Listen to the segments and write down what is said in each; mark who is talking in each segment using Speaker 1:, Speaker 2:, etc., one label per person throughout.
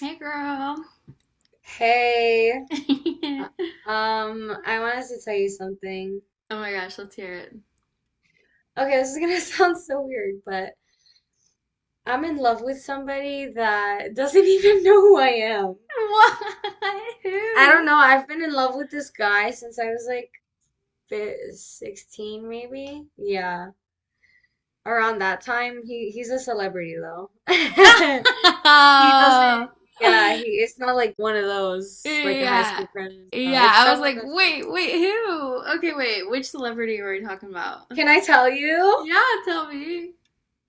Speaker 1: Hey, girl.
Speaker 2: Hey, uh,
Speaker 1: Oh
Speaker 2: I wanted to tell you something.
Speaker 1: my gosh, let's hear it.
Speaker 2: Okay, this is gonna sound so weird, but I'm in love with somebody that doesn't even know who I am.
Speaker 1: Why?
Speaker 2: I don't
Speaker 1: Who?
Speaker 2: know. I've been in love with this guy since I was like 16, maybe. Yeah, around that time. He's a celebrity though. He doesn't. Yeah, he. It's not like one of those like high
Speaker 1: Yeah.
Speaker 2: school crushes. No,
Speaker 1: Yeah,
Speaker 2: it's
Speaker 1: I was
Speaker 2: someone
Speaker 1: like,
Speaker 2: that's like.
Speaker 1: wait, wait, who? Okay, wait, which celebrity were we talking about?
Speaker 2: Can I tell you?
Speaker 1: Yeah, tell me.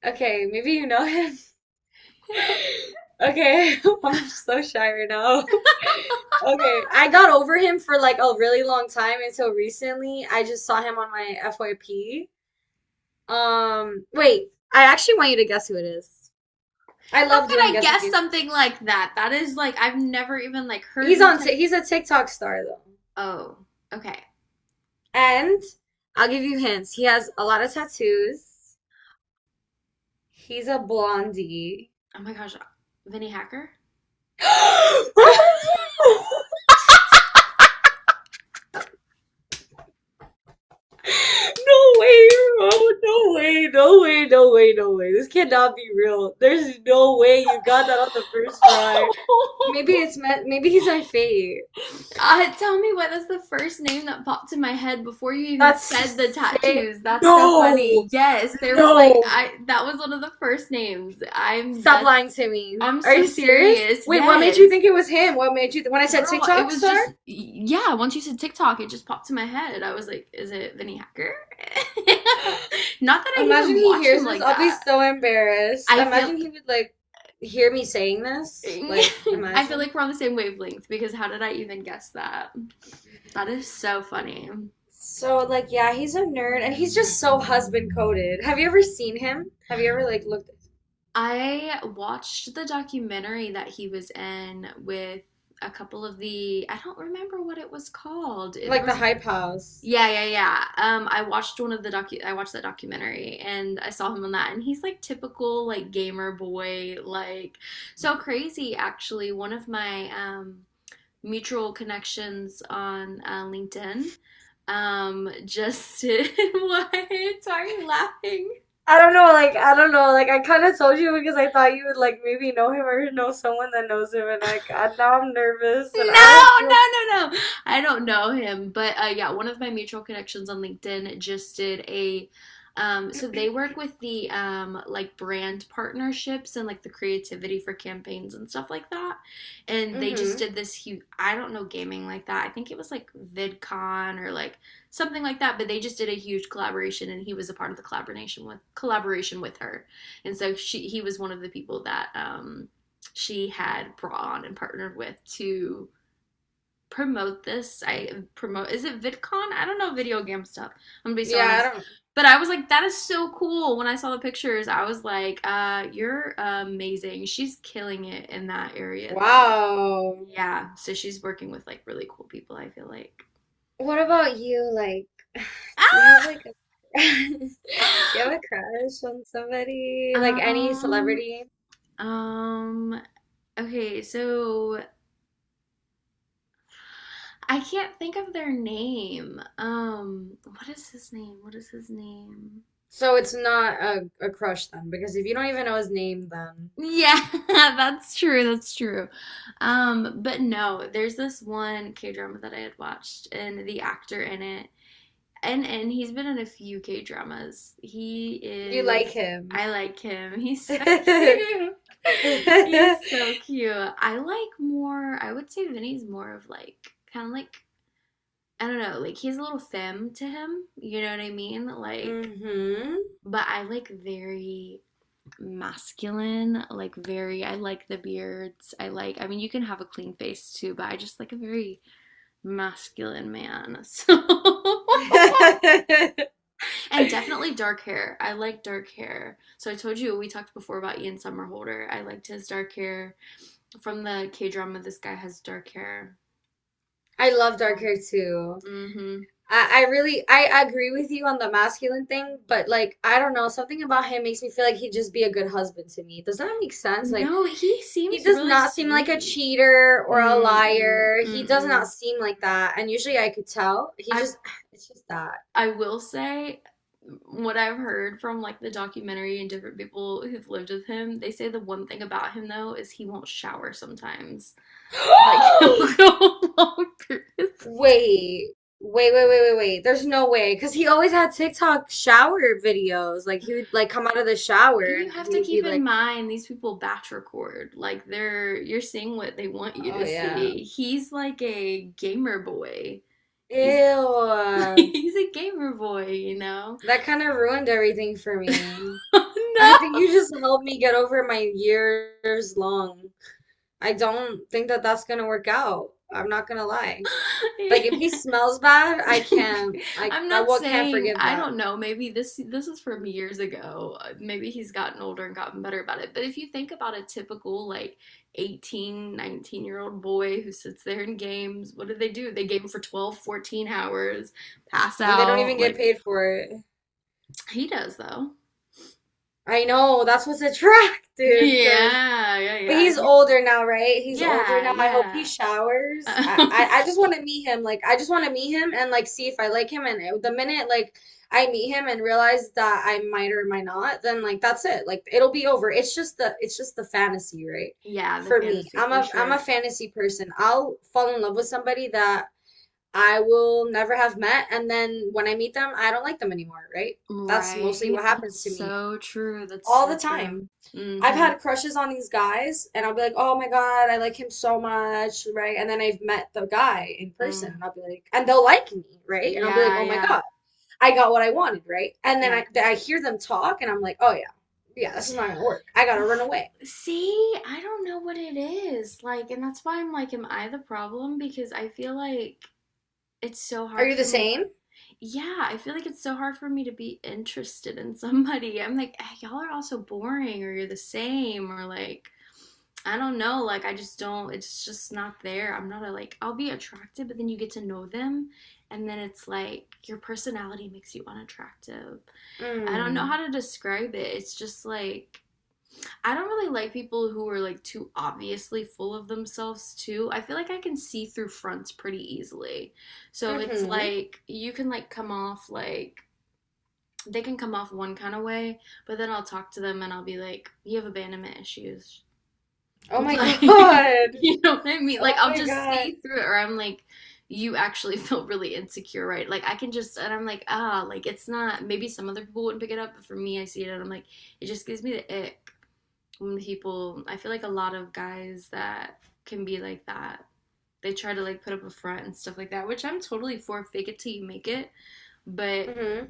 Speaker 2: Okay, maybe you know him.
Speaker 1: How
Speaker 2: Okay, I'm so shy right now. Okay, I got over him for like a really long time until recently. I just saw him on my FYP. Wait, I actually want you to guess who it is. I love
Speaker 1: could
Speaker 2: doing
Speaker 1: I
Speaker 2: guessing
Speaker 1: guess
Speaker 2: games.
Speaker 1: something like that? That is like, I've never even like heard
Speaker 2: He's
Speaker 1: your
Speaker 2: on,
Speaker 1: type.
Speaker 2: He's a TikTok star though.
Speaker 1: Oh, okay.
Speaker 2: And I'll give you hints. He has a lot of tattoos. He's a blondie.
Speaker 1: Oh my gosh, Vinny Hacker?
Speaker 2: No way, bro. No way. No way. No way. No way. This cannot be real. There's no way you got that on the first try. Maybe it's meant, maybe he's my fate.
Speaker 1: Tell me what is the first name that popped in my head before you even said the
Speaker 2: That's sick.
Speaker 1: tattoos. That's so funny.
Speaker 2: No.
Speaker 1: Yes, there was like
Speaker 2: No.
Speaker 1: I that was one of the first names.
Speaker 2: Stop lying to me.
Speaker 1: I'm
Speaker 2: Are you
Speaker 1: so
Speaker 2: serious?
Speaker 1: serious.
Speaker 2: Wait, what made you
Speaker 1: Yes.
Speaker 2: think it was him? What made you th when I said
Speaker 1: Girl, it
Speaker 2: TikTok
Speaker 1: was just
Speaker 2: star?
Speaker 1: yeah, once you said TikTok, it just popped in my head. I was like, is it Vinny Hacker? Not that I
Speaker 2: Imagine
Speaker 1: even
Speaker 2: he
Speaker 1: watch
Speaker 2: hears
Speaker 1: him
Speaker 2: this.
Speaker 1: like
Speaker 2: I'll be
Speaker 1: that.
Speaker 2: so embarrassed.
Speaker 1: I feel
Speaker 2: Imagine he would like hear me saying this. Like,
Speaker 1: I feel
Speaker 2: imagine.
Speaker 1: like we're on the same wavelength because how did I even guess that? That is so
Speaker 2: He-
Speaker 1: funny.
Speaker 2: So like yeah, he's a nerd and he's just so husband coded. Have you ever seen him? Have you ever like looked
Speaker 1: I watched the documentary that he was in with a couple of the, I don't remember what it was called. There
Speaker 2: like the
Speaker 1: was,
Speaker 2: hype house?
Speaker 1: yeah, yeah, yeah. I watched that documentary and I saw him on that, and he's like typical like gamer boy, like so crazy actually. One of my mutual connections on LinkedIn, just why? Why are you laughing?
Speaker 2: I don't know, like I don't know, like I kind of told you because I thought you would like maybe know him or know someone that knows him, and I now I'm nervous and I
Speaker 1: No,
Speaker 2: don't feel.
Speaker 1: no, no, no. I don't know him, but yeah, one of my mutual connections on LinkedIn just did a so they work with the like brand partnerships and like the creativity for campaigns and stuff like that. And they just
Speaker 2: Mm-hmm.
Speaker 1: did this huge, I don't know gaming like that. I think it was like VidCon or like something like that. But they just did a huge collaboration, and he was a part of the collaboration with her. And so she he was one of the people that she had brought on and partnered with to promote this. I promote Is it VidCon? I don't know video game stuff. I'm gonna be so
Speaker 2: Yeah, I
Speaker 1: honest.
Speaker 2: don't.
Speaker 1: But I was like, that is so cool. When I saw the pictures, I was like, you're amazing. She's killing it in that area though. Like,
Speaker 2: Wow.
Speaker 1: yeah. So she's working with like really cool people, I feel like.
Speaker 2: What about you? Like, do you have like a do you have a crush on somebody? Like
Speaker 1: Ah!
Speaker 2: any celebrity?
Speaker 1: Um, okay, so I can't think of their name. What is his name? What is his name?
Speaker 2: So it's not a crush then, because if you don't even know his name, then
Speaker 1: Yeah, that's true. That's true. But no, there's this one K-drama that I had watched and the actor in it. And he's been in a few K-dramas. He
Speaker 2: you like
Speaker 1: is
Speaker 2: him.
Speaker 1: I like him. He's so cute. He's so cute. I like more, I would say Vinny's more of like kind of like I don't know, like he's a little femme to him, you know what I mean? Like
Speaker 2: Hmm.
Speaker 1: but I like very masculine, like very I like the beards. I mean you can have a clean face too, but I just like a very masculine man. So and definitely dark hair. I like dark hair. So I told you we talked before about Ian Somerhalder. I liked his dark hair. From the K drama this guy has dark hair.
Speaker 2: I love dark hair
Speaker 1: So
Speaker 2: too.
Speaker 1: mm-hmm.
Speaker 2: I really I agree with you on the masculine thing, but like I don't know, something about him makes me feel like he'd just be a good husband to me. Does that make sense? Like
Speaker 1: No, he
Speaker 2: he
Speaker 1: seems
Speaker 2: does
Speaker 1: really
Speaker 2: not seem like a
Speaker 1: sweet.
Speaker 2: cheater or a
Speaker 1: Mm-mm.
Speaker 2: liar. He does not
Speaker 1: Mm-mm.
Speaker 2: seem like that. And usually I could tell. He
Speaker 1: I
Speaker 2: just it's just that.
Speaker 1: I will say what I've heard from like the documentary and different people who've lived with him, they say the one thing about him though is he won't shower sometimes. Like he'll go long periods.
Speaker 2: Wait, wait, wait, wait, wait, wait. There's no way. Because he always had TikTok shower videos. Like, he would, like, come out of the shower
Speaker 1: You
Speaker 2: and
Speaker 1: have
Speaker 2: he
Speaker 1: to
Speaker 2: would be
Speaker 1: keep in
Speaker 2: like,
Speaker 1: mind these people batch record. Like they're you're seeing what they want you
Speaker 2: oh,
Speaker 1: to
Speaker 2: yeah.
Speaker 1: see. He's like a gamer boy. He's
Speaker 2: Ew.
Speaker 1: he's a gamer boy, you know.
Speaker 2: That kind of ruined everything for me. I think
Speaker 1: No.
Speaker 2: you just helped me get over my years long. I don't think that that's gonna work out. I'm not gonna lie. Like, if he smells bad, I can't. I,
Speaker 1: I'm
Speaker 2: I
Speaker 1: not
Speaker 2: well, can't
Speaker 1: saying
Speaker 2: forgive
Speaker 1: I
Speaker 2: that.
Speaker 1: don't know. Maybe this is from years ago. Maybe he's gotten older and gotten better about it. But if you think about a typical like 18, 19-year old boy who sits there in games, what do? They game for 12, 14 hours, pass
Speaker 2: And they don't
Speaker 1: out.
Speaker 2: even get
Speaker 1: Like
Speaker 2: paid for it.
Speaker 1: he does though.
Speaker 2: I know, that's what's attractive, because
Speaker 1: Yeah, yeah,
Speaker 2: But
Speaker 1: yeah.
Speaker 2: he's older now, right? He's older
Speaker 1: Yeah,
Speaker 2: now. I hope he
Speaker 1: yeah.
Speaker 2: showers. I,
Speaker 1: Um,
Speaker 2: I, I just want to meet him. Like, I just want to meet him and like see if I like him. And the minute like I meet him and realize that I might or might not, then like that's it. Like it'll be over. It's just the fantasy, right?
Speaker 1: yeah, the
Speaker 2: For me,
Speaker 1: fantasy
Speaker 2: I'm
Speaker 1: for
Speaker 2: a I'm
Speaker 1: sure.
Speaker 2: a fantasy person. I'll fall in love with somebody that I will never have met, and then when I meet them, I don't like them anymore, right? That's mostly
Speaker 1: Right.
Speaker 2: what
Speaker 1: That's
Speaker 2: happens to me
Speaker 1: so true. That's
Speaker 2: all
Speaker 1: so
Speaker 2: the
Speaker 1: true.
Speaker 2: time. I've
Speaker 1: Mm-hmm.
Speaker 2: had crushes on these guys, and I'll be like, oh my God, I like him so much, right? And then I've met the guy in person,
Speaker 1: Mm-hmm.
Speaker 2: and I'll be like, and they'll like me, right? And I'll be like,
Speaker 1: Yeah,
Speaker 2: oh my
Speaker 1: yeah,
Speaker 2: God, I got what I wanted, right? And then
Speaker 1: yeah.
Speaker 2: I hear them talk, and I'm like, oh yeah, yeah, this is not gonna work. I gotta run away.
Speaker 1: See, I don't know what it is. Like, and that's why I'm like, am I the problem? Because I feel like it's so
Speaker 2: Are
Speaker 1: hard
Speaker 2: you the
Speaker 1: for me.
Speaker 2: same?
Speaker 1: Yeah, I feel like it's so hard for me to be interested in somebody. I'm like, "Ah, y'all are all so boring, or you're the same, or like, I don't know. Like, I just don't, it's just not there. I'm not a like, I'll be attracted, but then you get to know them, and then it's like your personality makes you unattractive. I don't know
Speaker 2: Mm.
Speaker 1: how to describe it. It's just like, I don't really like people who are like too obviously full of themselves too. I feel like I can see through fronts pretty easily. So it's
Speaker 2: Mm-hmm.
Speaker 1: like you can like come off like they can come off one kind of way, but then I'll talk to them and I'll be like, "You have abandonment issues."
Speaker 2: Oh my
Speaker 1: Like,
Speaker 2: God.
Speaker 1: you know what I mean?
Speaker 2: Oh
Speaker 1: Like I'll
Speaker 2: my
Speaker 1: just
Speaker 2: God.
Speaker 1: see through it or I'm like you actually feel really insecure, right? Like I can just and I'm like, "Ah, like it's not maybe some other people wouldn't pick it up, but for me I see it and I'm like it just gives me the ick." when people I feel like a lot of guys that can be like that. They try to like put up a front and stuff like that, which I'm totally for fake it till you make it, but
Speaker 2: Mm-hmm.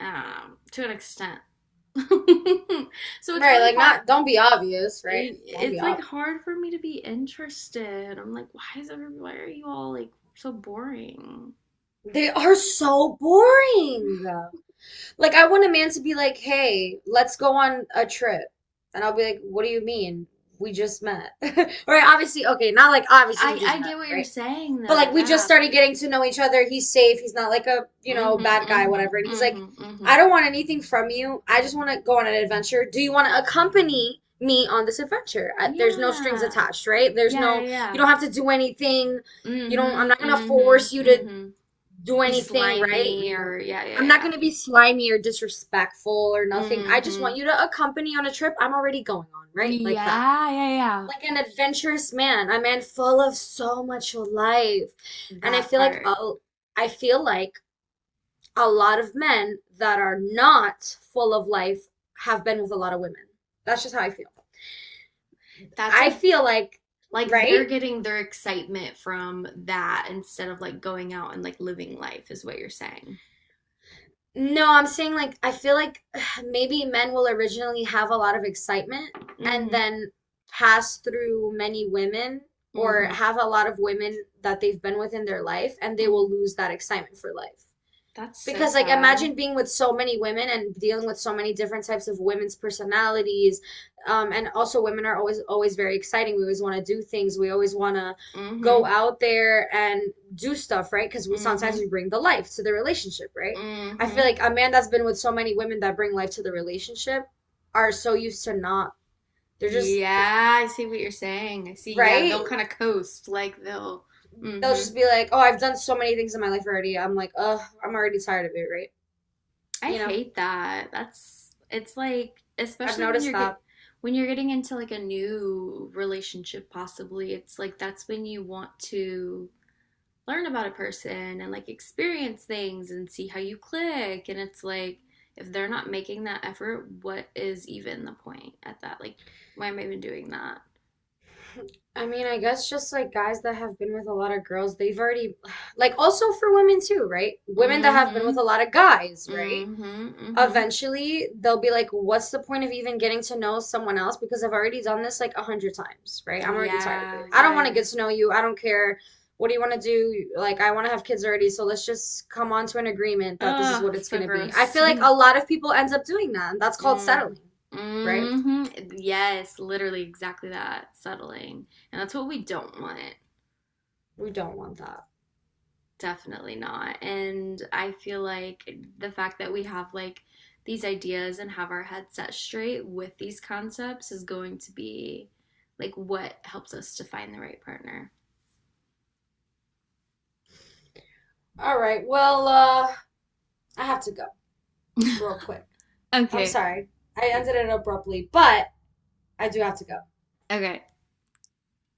Speaker 1: to an extent. So it's
Speaker 2: Right,
Speaker 1: really
Speaker 2: like
Speaker 1: hard
Speaker 2: not, don't be obvious, right? Don't be
Speaker 1: it's like
Speaker 2: obvious.
Speaker 1: hard for me to be interested. I'm like, why is every why are you all like so boring?
Speaker 2: They are so boring. Like I want a man to be like, "Hey, let's go on a trip." And I'll be like, "What do you mean? We just met." Right? Obviously, okay, not like obviously you
Speaker 1: I
Speaker 2: just
Speaker 1: I get
Speaker 2: met
Speaker 1: what
Speaker 2: him,
Speaker 1: you're
Speaker 2: right?
Speaker 1: saying
Speaker 2: But
Speaker 1: though.
Speaker 2: like we just
Speaker 1: Yeah,
Speaker 2: started
Speaker 1: like
Speaker 2: getting to know each other. He's safe. He's not like a,
Speaker 1: mm-hmm,
Speaker 2: bad guy,
Speaker 1: mm-hmm,
Speaker 2: whatever. And he's like,
Speaker 1: mm-hmm, mm-hmm.
Speaker 2: "I don't want anything from you. I just want to go on an adventure. Do you want to accompany me on this adventure?" There's no strings
Speaker 1: Yeah.
Speaker 2: attached, right? There's
Speaker 1: Yeah, yeah,
Speaker 2: no you
Speaker 1: yeah.
Speaker 2: don't have to do anything. You don't I'm
Speaker 1: Mhm,
Speaker 2: not gonna
Speaker 1: mhm,
Speaker 2: force you to
Speaker 1: mhm.
Speaker 2: do
Speaker 1: Be
Speaker 2: anything right,
Speaker 1: slimy
Speaker 2: you know.
Speaker 1: or yeah,
Speaker 2: I'm
Speaker 1: yeah,
Speaker 2: not going
Speaker 1: yeah.
Speaker 2: to be slimy or disrespectful or nothing. I just want
Speaker 1: Mhm.
Speaker 2: you to accompany on a trip I'm already going on, right? Like that.
Speaker 1: Yeah, yeah, yeah.
Speaker 2: Like an adventurous man, a man full of so much life. And I
Speaker 1: That
Speaker 2: feel like
Speaker 1: part.
Speaker 2: oh, I feel like a lot of men that are not full of life have been with a lot of women. That's just how I feel.
Speaker 1: That's
Speaker 2: I
Speaker 1: a
Speaker 2: feel like,
Speaker 1: like they're
Speaker 2: right?
Speaker 1: getting their excitement from that instead of like going out and like living life is what you're saying.
Speaker 2: No, I'm saying like I feel like maybe men will originally have a lot of excitement and
Speaker 1: Mhm.
Speaker 2: then pass through many women or
Speaker 1: Mhm.
Speaker 2: have a lot of women that they've been with in their life and they will
Speaker 1: Mhm.
Speaker 2: lose that excitement for life
Speaker 1: That's so
Speaker 2: because like
Speaker 1: sad.
Speaker 2: imagine being with so many women and dealing with so many different types of women's personalities and also women are always always very exciting. We always want to do things, we always want to go
Speaker 1: Mhm.
Speaker 2: out there and do stuff, right? Because we sometimes we
Speaker 1: Mhm.
Speaker 2: bring the life to the relationship, right? I feel
Speaker 1: Mhm.
Speaker 2: like a man that's been with so many women that bring life to the relationship are so used to not, they're just,
Speaker 1: Yeah, I see what you're saying. I see. Yeah,
Speaker 2: right,
Speaker 1: they'll kind of coast like they'll
Speaker 2: they'll just
Speaker 1: Mhm.
Speaker 2: be like, oh, I've done so many things in my life already, I'm like, ugh, I'm already tired of it, right,
Speaker 1: I
Speaker 2: you know
Speaker 1: hate that. That's it's like
Speaker 2: I've
Speaker 1: especially when
Speaker 2: noticed
Speaker 1: you're
Speaker 2: that.
Speaker 1: get when you're getting into like a new relationship possibly. It's like that's when you want to learn about a person and like experience things and see how you click and it's like if they're not making that effort, what is even the point at that? Like why am I even doing that?
Speaker 2: I mean, I guess just like guys that have been with a lot of girls, they've already, like, also for women too, right? Women that have been with a
Speaker 1: Mhm.
Speaker 2: lot of guys, right?
Speaker 1: Mhm. Mhm.
Speaker 2: Eventually, they'll be like, what's the point of even getting to know someone else? Because I've already done this like a hundred times, right? I'm already tired of it.
Speaker 1: Yeah.
Speaker 2: I don't
Speaker 1: Yeah,
Speaker 2: want
Speaker 1: yeah.
Speaker 2: to
Speaker 1: Yeah.
Speaker 2: get to know you. I don't care. What do you want to do? Like, I want to have kids already, so let's just come on to an agreement that this is
Speaker 1: Oh,
Speaker 2: what it's going
Speaker 1: so
Speaker 2: to be. I
Speaker 1: gross
Speaker 2: feel
Speaker 1: to
Speaker 2: like a
Speaker 1: me.
Speaker 2: lot of people end up doing that, and that's called
Speaker 1: Mm-hmm.
Speaker 2: settling, right?
Speaker 1: Mm-hmm. Yes, literally exactly that. Settling. And that's what we don't want.
Speaker 2: We don't want that.
Speaker 1: Definitely not. And I feel like the fact that we have like these ideas and have our head set straight with these concepts is going to be like what helps us to find the right partner.
Speaker 2: All right, well, I have to go. Real quick. I'm
Speaker 1: Okay.
Speaker 2: sorry. I ended it abruptly, but I do have to go.
Speaker 1: Okay.